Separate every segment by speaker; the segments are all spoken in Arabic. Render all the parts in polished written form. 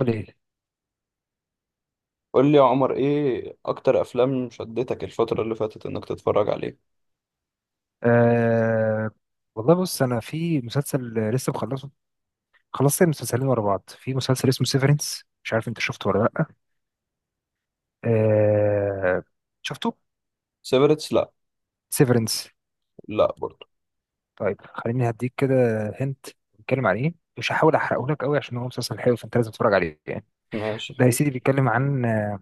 Speaker 1: قليل.
Speaker 2: قول لي يا عمر ايه اكتر افلام شدتك الفترة اللي فاتت انك تتفرج عليها؟
Speaker 1: أه والله بص انا في مسلسل لسه مخلصه. خلصت المسلسلين ورا بعض. في مسلسل اسمه سيفرنس، مش عارف انت شفته ولا لا. أه شفته.
Speaker 2: سيفرتس، لا.
Speaker 1: سيفرنس.
Speaker 2: لا برضه.
Speaker 1: طيب خليني هديك كده. هنت بيتكلم عن ايه؟ مش هحاول احرقه لك قوي عشان هو مسلسل حلو، فانت لازم تتفرج عليه يعني.
Speaker 2: ماشي،
Speaker 1: ده يا
Speaker 2: حلو.
Speaker 1: سيدي بيتكلم عن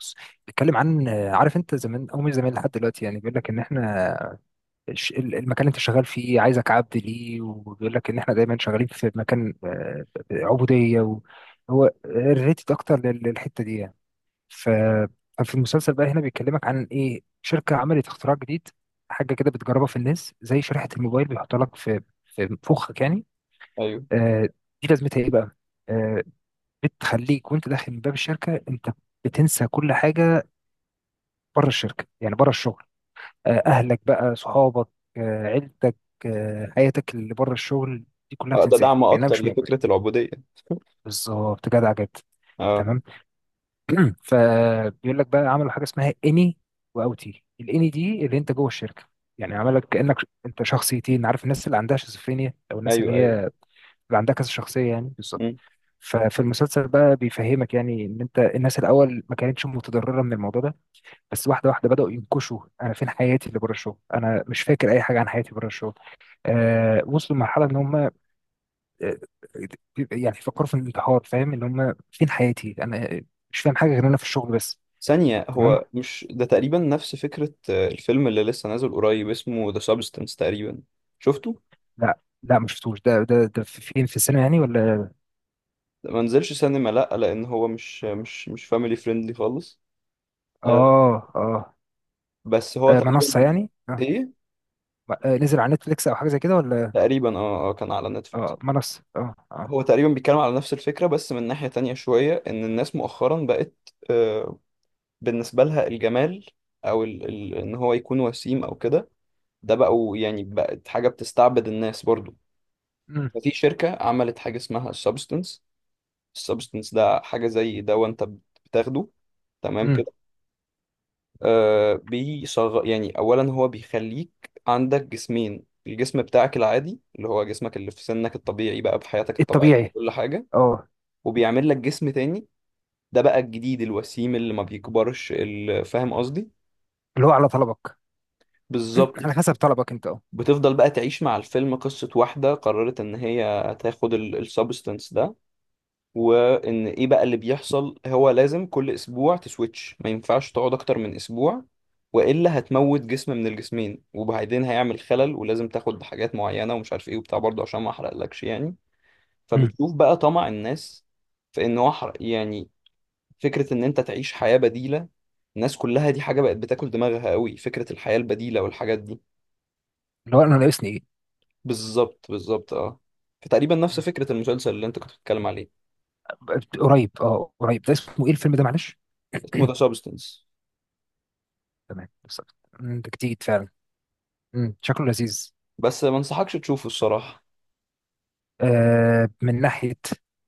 Speaker 1: بص، بيتكلم عن عارف انت زمان او مش زمان لحد دلوقتي، يعني بيقول لك ان احنا المكان اللي انت شغال فيه عايزك عبد ليه، وبيقول لك ان احنا دايما شغالين في مكان، عبوديه هو ريليتد اكتر للحته دي يعني. ف- ففي المسلسل بقى هنا بيكلمك عن ايه، شركه عملت اختراع جديد، حاجه كده بتجربها في الناس، زي شريحه الموبايل بيحطها لك في فخك يعني.
Speaker 2: ايوه.
Speaker 1: آه، دي لازمتها ايه بقى؟ آه، بتخليك وانت داخل من باب الشركه انت بتنسى كل حاجه بره الشركه، يعني بره الشغل، اهلك بقى، صحابك، عيلتك، حياتك اللي بره الشغل، دي كلها
Speaker 2: ده
Speaker 1: بتنساها
Speaker 2: دعم
Speaker 1: كانها
Speaker 2: اكتر
Speaker 1: مش موجوده.
Speaker 2: لفكرة العبودية.
Speaker 1: بالظبط، جدع جدا.
Speaker 2: اه،
Speaker 1: تمام. فبيقول لك بقى عملوا حاجه اسمها اني واوتي. الاني دي اللي انت جوه الشركه، يعني عملك كانك انت شخصيتين، عارف الناس اللي عندها شيزوفرينيا او الناس اللي
Speaker 2: ايوه،
Speaker 1: هي
Speaker 2: ايوه.
Speaker 1: اللي عندها كذا شخصيه، يعني بالظبط.
Speaker 2: مم.
Speaker 1: ففي المسلسل بقى بيفهمك يعني ان انت الناس الاول ما كانتش متضرره من الموضوع ده، بس واحده واحده بداوا ينكشوا، انا فين حياتي اللي بره الشغل، انا مش فاكر اي حاجه عن حياتي بره الشغل. آه، وصلوا لمرحله ان هم آه، يعني فكروا في الانتحار، فاهم، ان هم فين حياتي انا، مش فاهم حاجه غير انا في الشغل بس.
Speaker 2: ثانية،
Speaker 1: تمام.
Speaker 2: هو مش ده تقريبا نفس فكرة الفيلم اللي لسه نازل قريب اسمه ذا سابستنس تقريبا. شفته؟
Speaker 1: لا لا، ما شفتوش. ده فين في السينما يعني ولا؟
Speaker 2: ده ما نزلش سينما، لا، لان هو مش فاميلي فريندلي خالص. آه،
Speaker 1: اه اه.
Speaker 2: بس هو
Speaker 1: منصه
Speaker 2: تقريبا.
Speaker 1: يعني اه.
Speaker 2: ايه.
Speaker 1: نزل على نتفليكس او حاجه زي كده ولا؟
Speaker 2: تقريبا، اه، كان على نتفليكس.
Speaker 1: اه منصه اه اه.
Speaker 2: هو تقريبا بيتكلم على نفس الفكرة بس من ناحية تانية شوية إن الناس مؤخرا بقت، آه، بالنسبة لها الجمال أو إن هو يكون وسيم أو كده، ده بقوا يعني بقت حاجة بتستعبد الناس برضو.
Speaker 1: امم
Speaker 2: ففي شركة عملت حاجة اسمها السبستنس. السبستنس ده حاجة زي دواء أنت بتاخده، تمام
Speaker 1: امم
Speaker 2: كده. آه بيصغ يعني أولا هو بيخليك عندك جسمين، الجسم بتاعك العادي اللي هو جسمك اللي في سنك الطبيعي بقى بحياتك الطبيعية
Speaker 1: الطبيعي.
Speaker 2: كل حاجة،
Speaker 1: اه.
Speaker 2: وبيعمل لك جسم تاني، ده بقى الجديد الوسيم اللي ما بيكبرش فاهم قصدي.
Speaker 1: اللي هو على طلبك.
Speaker 2: بالظبط.
Speaker 1: على حسب طلبك انت، اه.
Speaker 2: بتفضل بقى تعيش مع الفيلم. قصة واحدة قررت ان هي تاخد السبستنس ده، وان ايه بقى اللي بيحصل. هو لازم كل اسبوع تسويتش، ما ينفعش تقعد اكتر من اسبوع والا هتموت جسم من الجسمين، وبعدين هيعمل خلل ولازم تاخد حاجات معينة ومش عارف ايه وبتاع، برضه عشان ما احرقلكش يعني.
Speaker 1: امم
Speaker 2: فبتشوف بقى طمع الناس في ان هو يعني فكرة إن أنت تعيش حياة بديلة. الناس كلها دي حاجة بقت بتاكل دماغها قوي، فكرة الحياة البديلة والحاجات دي.
Speaker 1: اللي هو انا ناقصني ايه.
Speaker 2: بالظبط بالظبط، اه. فتقريبا نفس
Speaker 1: مم.
Speaker 2: فكرة المسلسل اللي أنت كنت بتتكلم عليه.
Speaker 1: قريب، اه قريب، ده اسمه ايه الفيلم ده معلش؟
Speaker 2: اسمه ذا سابستنس.
Speaker 1: تمام بالظبط. ده جديد فعلا. شكله لذيذ.
Speaker 2: بس ما انصحكش تشوفه الصراحة،
Speaker 1: آه من ناحية.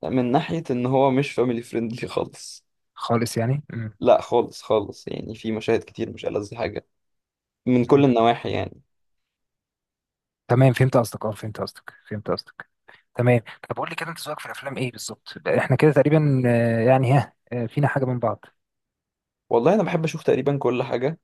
Speaker 2: من ناحية إن هو مش فاميلي فريندلي خالص.
Speaker 1: خالص يعني.
Speaker 2: لا خالص خالص، يعني في مشاهد كتير مش ألذ حاجة من كل
Speaker 1: مم.
Speaker 2: النواحي يعني.
Speaker 1: تمام، فهمت قصدك، اه فهمت قصدك، فهمت قصدك. تمام. طب قول لي كده، انت ذوقك في الافلام ايه بالظبط؟ احنا كده تقريبا، يعني ها، فينا حاجة من بعض.
Speaker 2: والله أنا بحب أشوف تقريبا كل حاجة.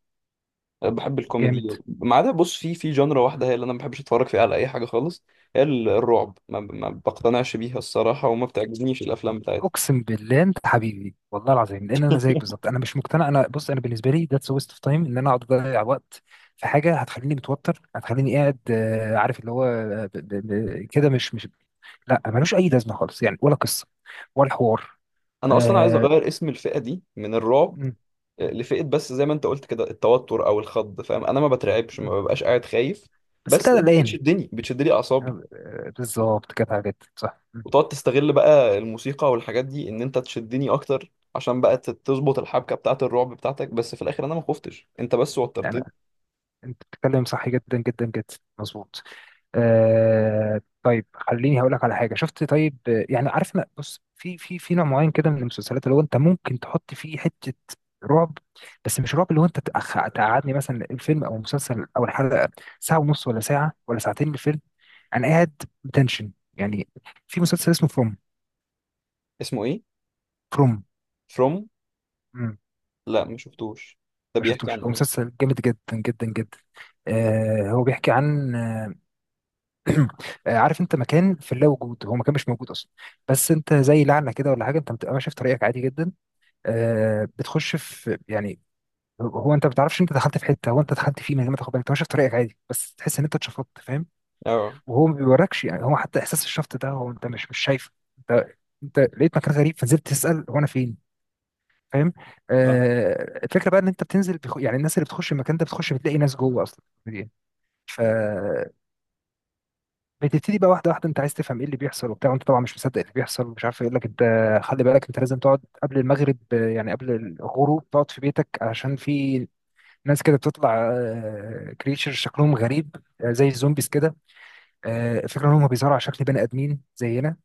Speaker 2: بحب
Speaker 1: جامد.
Speaker 2: الكوميدي ما عدا، بص، في جنرا واحدة هي اللي أنا ما بحبش أتفرج فيها على أي حاجة خالص. هي الرعب، ما بقتنعش بيها الصراحة وما بتعجبنيش الأفلام بتاعتها.
Speaker 1: اقسم بالله انت حبيبي والله العظيم، لان انا زيك بالظبط، انا مش مقتنع. انا بص، انا بالنسبه لي ذاتس ويست اوف تايم ان انا اقعد اضيع وقت في حاجه هتخليني متوتر، هتخليني قاعد، عارف اللي هو، كده مش لا، ملوش اي لازمه خالص يعني، ولا قصه ولا حوار.
Speaker 2: أنا أصلا عايز
Speaker 1: آه،
Speaker 2: أغير اسم الفئة دي من الرعب،
Speaker 1: مم. مم.
Speaker 2: لفئة، بس زي ما أنت قلت كده، التوتر أو الخض. فاهم، أنا ما بترعبش، ما
Speaker 1: مم.
Speaker 2: ببقاش قاعد خايف،
Speaker 1: بس انت
Speaker 2: بس أنت
Speaker 1: قلقان.
Speaker 2: بتشدني، بتشدلي أعصابي،
Speaker 1: بالظبط كانت عجبت صح.
Speaker 2: وتقعد تستغل بقى الموسيقى والحاجات دي إن أنت تشدني أكتر عشان بقى تظبط الحبكة بتاعة الرعب بتاعتك. بس في الآخر أنا ما خفتش، أنت بس
Speaker 1: يعني
Speaker 2: وترتني.
Speaker 1: انت بتتكلم صح جدا جدا جدا. مظبوط. آه طيب، خليني هقول لك على حاجه شفت. طيب، يعني عارف، انا بص في نوع معين كده من المسلسلات اللي هو انت ممكن تحط فيه حته رعب، بس مش رعب، اللي هو انت تقعدني مثلا الفيلم او المسلسل او الحلقه ساعه ونص ولا ساعه ولا ساعتين من الفيلم انا قاعد بتنشن يعني. في مسلسل اسمه فروم.
Speaker 2: اسمه إيه؟
Speaker 1: فروم.
Speaker 2: From. لا ما شفتوش. ده
Speaker 1: ما
Speaker 2: بيحكي عن
Speaker 1: شفتوش، هو
Speaker 2: ايه؟
Speaker 1: مسلسل جامد جدا جدا جدا. آه هو بيحكي عن عارف انت مكان في اللا وجود، هو مكان مش موجود اصلا، بس انت زي لعنه كده ولا حاجه، انت بتبقى ماشي في طريقك عادي جدا، آه بتخش في يعني، هو انت ما بتعرفش انت دخلت في حته، هو انت دخلت فيه من غير ما تاخد بالك، انت ماشي في طريقك عادي بس تحس ان انت اتشفطت، فاهم،
Speaker 2: اه
Speaker 1: وهو ما بيوركش يعني، هو حتى احساس الشفط ده هو انت مش شايفه. انت انت لقيت مكان غريب فنزلت تسال هو انا فين، فاهم.
Speaker 2: فاهم.
Speaker 1: آه الفكره بقى ان انت يعني الناس اللي بتخش المكان ده بتخش بتلاقي ناس جوه اصلا موجودين. فبتبتدي بقى واحده واحده، انت عايز تفهم ايه اللي بيحصل وبتاع، وانت طبعا مش مصدق اللي بيحصل ومش عارف ايه. يقول لك انت خلي بالك انت لازم تقعد قبل المغرب، يعني قبل الغروب تقعد في بيتك، عشان في ناس كده بتطلع، كريتشر شكلهم غريب، زي الزومبيز كده. الفكره ان هم بيظهروا على شكل بني ادمين زينا،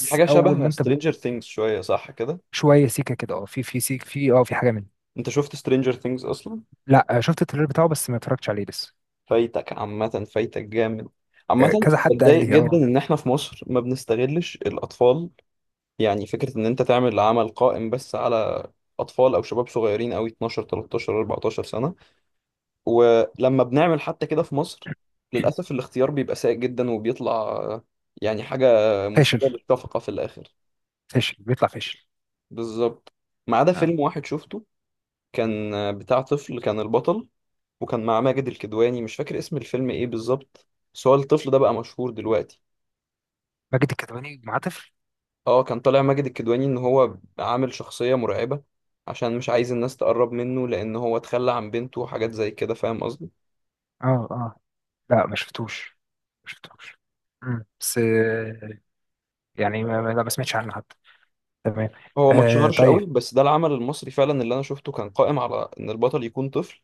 Speaker 2: دي حاجه
Speaker 1: اول
Speaker 2: شبه
Speaker 1: ما انت
Speaker 2: سترينجر ثينجز شويه، صح كده؟
Speaker 1: شويه سيكه كده اه، في سيك، في اه في حاجه منه.
Speaker 2: انت شفت سترينجر ثينجز اصلا؟
Speaker 1: لا، شفت التريلر بتاعه بس ما اتفرجتش عليه لسه.
Speaker 2: فايتك، عامه. فايتك جامد. عامه
Speaker 1: كذا حد قال
Speaker 2: بتضايق
Speaker 1: لي
Speaker 2: جدا
Speaker 1: اه.
Speaker 2: ان احنا في مصر ما بنستغلش الاطفال، يعني فكره ان انت تعمل عمل قائم بس على اطفال او شباب صغيرين قوي، 12 13 14 سنه. ولما بنعمل حتى كده في مصر، للاسف الاختيار بيبقى سيء جدا وبيطلع يعني حاجه
Speaker 1: فاشل،
Speaker 2: مسيئه للشفقه في الاخر.
Speaker 1: فاشل بيطلع فاشل.
Speaker 2: بالظبط. ما عدا
Speaker 1: آه.
Speaker 2: فيلم واحد شفته، كان بتاع طفل كان البطل، وكان مع ماجد الكدواني. مش فاكر اسم الفيلم ايه بالظبط، بس هو الطفل ده بقى مشهور دلوقتي.
Speaker 1: ماجد الكدواني مع طفل؟
Speaker 2: اه، كان طالع ماجد الكدواني ان هو عامل شخصية مرعبة عشان مش عايز الناس تقرب منه، لان هو اتخلى عن بنته وحاجات زي كده، فاهم قصدي.
Speaker 1: اه اه. لا ما شفتوش، ما شفتوش. مم. بس آه، يعني لا ما سمعتش عنه حتى. تمام.
Speaker 2: هو ما
Speaker 1: آه
Speaker 2: اتشهرش قوي،
Speaker 1: طيب.
Speaker 2: بس ده العمل المصري فعلا اللي انا شفته كان قائم على ان البطل يكون طفل.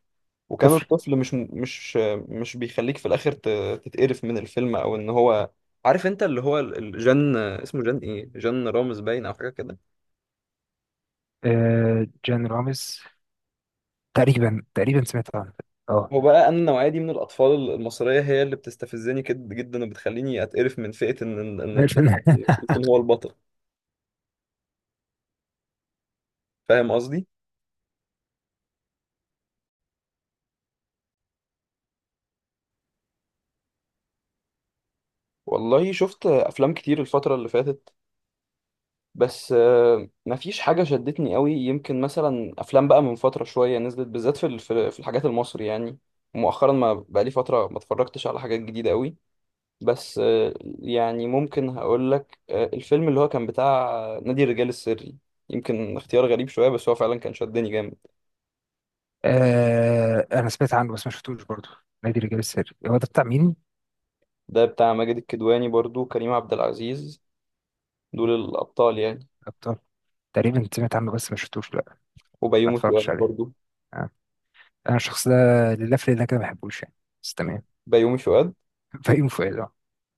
Speaker 2: وكان
Speaker 1: طفل.
Speaker 2: الطفل مش بيخليك في الاخر تتقرف من الفيلم، او ان هو، عارف انت اللي هو جان، اسمه جان ايه، جان رامز باين او حاجه كده.
Speaker 1: آه جان رامز، تقريبا تقريبا سمعت عنه اه.
Speaker 2: هو بقى، انا النوعيه دي من الاطفال المصريه هي اللي بتستفزني جدا، وبتخليني اتقرف من فئه ان إن الطفل
Speaker 1: الفيلم.
Speaker 2: يكون هو البطل، فاهم قصدي. والله شفت افلام كتير الفتره اللي فاتت، بس مفيش حاجة شدتني قوي. يمكن مثلا أفلام بقى من فترة شوية نزلت بالذات في الحاجات المصري يعني، مؤخرا ما بقالي فترة ما اتفرجتش على حاجات جديدة قوي. بس يعني ممكن هقول لك الفيلم اللي هو كان بتاع نادي الرجال السري. يمكن اختيار غريب شوية بس هو فعلا كان شدني جامد.
Speaker 1: آه انا سمعت عنه بس ما شفتوش برضه. نادي الرجال السري، هو ده بتاع مين؟
Speaker 2: ده بتاع ماجد الكدواني، برضو كريم عبد العزيز، دول الأبطال يعني،
Speaker 1: ابطال. تقريبا سمعت عنه بس ما شفتوش، لا. ما
Speaker 2: وبيومي
Speaker 1: اتفرجتش
Speaker 2: فؤاد
Speaker 1: عليه.
Speaker 2: برضو.
Speaker 1: آه. انا الشخص ده، لله في لله كده ما بحبوش يعني. بس تمام.
Speaker 2: بيومي فؤاد.
Speaker 1: فيوم فؤاد اه.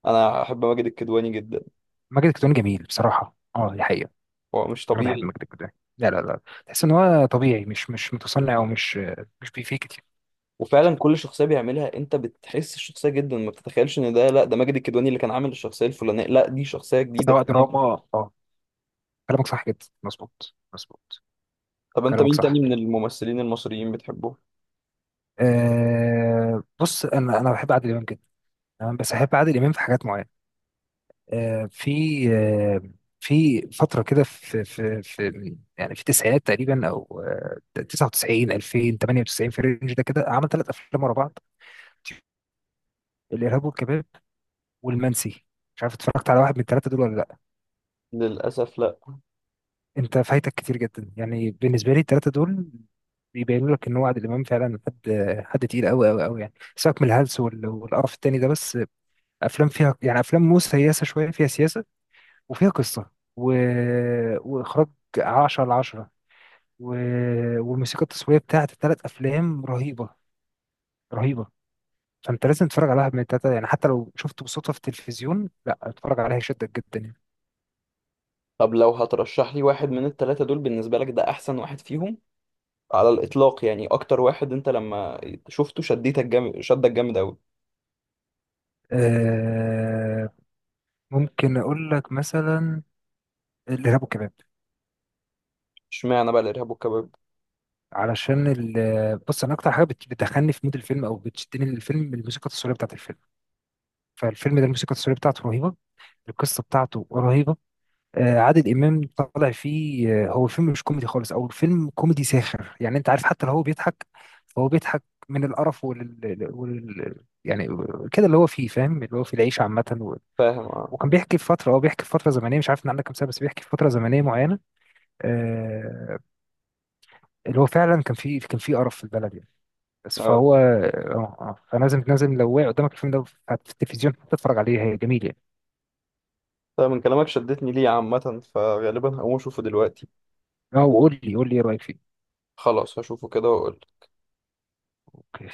Speaker 2: أنا أحب ماجد الكدواني جدا،
Speaker 1: ماجد الكدواني جميل بصراحه، اه دي حقيقه.
Speaker 2: هو مش
Speaker 1: انا بحب
Speaker 2: طبيعي.
Speaker 1: ماجد الكدواني، لا لا لا. تحس ان هو طبيعي، مش متصنع، او مش مش بيفيك كتير.
Speaker 2: وفعلا كل شخصيه بيعملها انت بتحس الشخصيه جدا، ما بتتخيلش ان ده، لا ده ماجد الكدواني اللي كان عامل الشخصيه الفلانيه، لا دي شخصيه جديده
Speaker 1: سواء
Speaker 2: تماما.
Speaker 1: دراما. اه. كلامك صح جدا، مظبوط مظبوط.
Speaker 2: طب انت
Speaker 1: كلامك
Speaker 2: مين تاني
Speaker 1: صح.
Speaker 2: من الممثلين المصريين بتحبه؟
Speaker 1: آه بص، انا بحب عادل امام جدا. تمام، بس احب عادل امام في حاجات معينه. آه في آه في فتره كده، في يعني في التسعينات تقريبا، او آه 99 2000 98 في الرينج ده كده، عمل ثلاث افلام ورا بعض. الارهاب والكباب، والمنسي، مش عارف اتفرجت على واحد من الثلاثه دول ولا لا.
Speaker 2: للاسف لا.
Speaker 1: انت فايتك كتير جدا يعني، بالنسبه لي الثلاثه دول بيبينوا لك ان هو عادل امام فعلا حد، حد تقيل قوي قوي قوي يعني. سيبك من الهلس والقرف التاني ده، بس افلام فيها يعني، افلام مو سياسه شويه فيها سياسه، وفيها قصه و... واخراج 10 على 10، و... والموسيقى التصويريه بتاعت الثلاث افلام رهيبه، رهيبه. فانت لازم تتفرج على واحد من الثلاثه يعني، حتى لو شفته بالصدفه في التلفزيون لا اتفرج عليها، يشدك جدا يعني.
Speaker 2: طب لو هترشح لي واحد من الثلاثه دول بالنسبه لك ده احسن واحد فيهم على الاطلاق، يعني اكتر واحد انت لما شفته شديتك جامد، شدك جامد قوي.
Speaker 1: آه، ممكن اقول لك مثلا الارهاب والكباب.
Speaker 2: اشمعنى بقى الارهاب والكباب؟
Speaker 1: بص، انا اكتر حاجه بتدخلني في مود الفيلم او بتشدني للفيلم الموسيقى التصويريه بتاعت الفيلم، فالفيلم ده الموسيقى التصويريه بتاعته رهيبه، القصه بتاعته رهيبه. آه عادل امام طالع فيه، هو الفيلم مش كوميدي خالص، او الفيلم كوميدي ساخر يعني، انت عارف، حتى لو هو بيضحك فهو بيضحك من القرف وال... يعني كده اللي هو فيه، فاهم، اللي هو في العيشه عامه
Speaker 2: فاهم، اه،
Speaker 1: وكان بيحكي في فتره، هو بيحكي في فتره زمنيه، مش عارف ان عندك كام سنه، بس بيحكي في فتره زمنيه معينه، آه، اللي هو فعلا كان في، كان في قرف في البلد يعني. بس
Speaker 2: اه.
Speaker 1: فهو اه اه، فلازم لازم لو وقع قدامك الفيلم ده في التلفزيون تتفرج عليه، هي جميل يعني.
Speaker 2: طيب من كلامك شدتني ليه عامه، فغالبا هقوم اشوفه دلوقتي.
Speaker 1: اه. وقول لي قول لي ايه رايك فيه.
Speaker 2: خلاص هشوفه كده واقول.
Speaker 1: اوكي.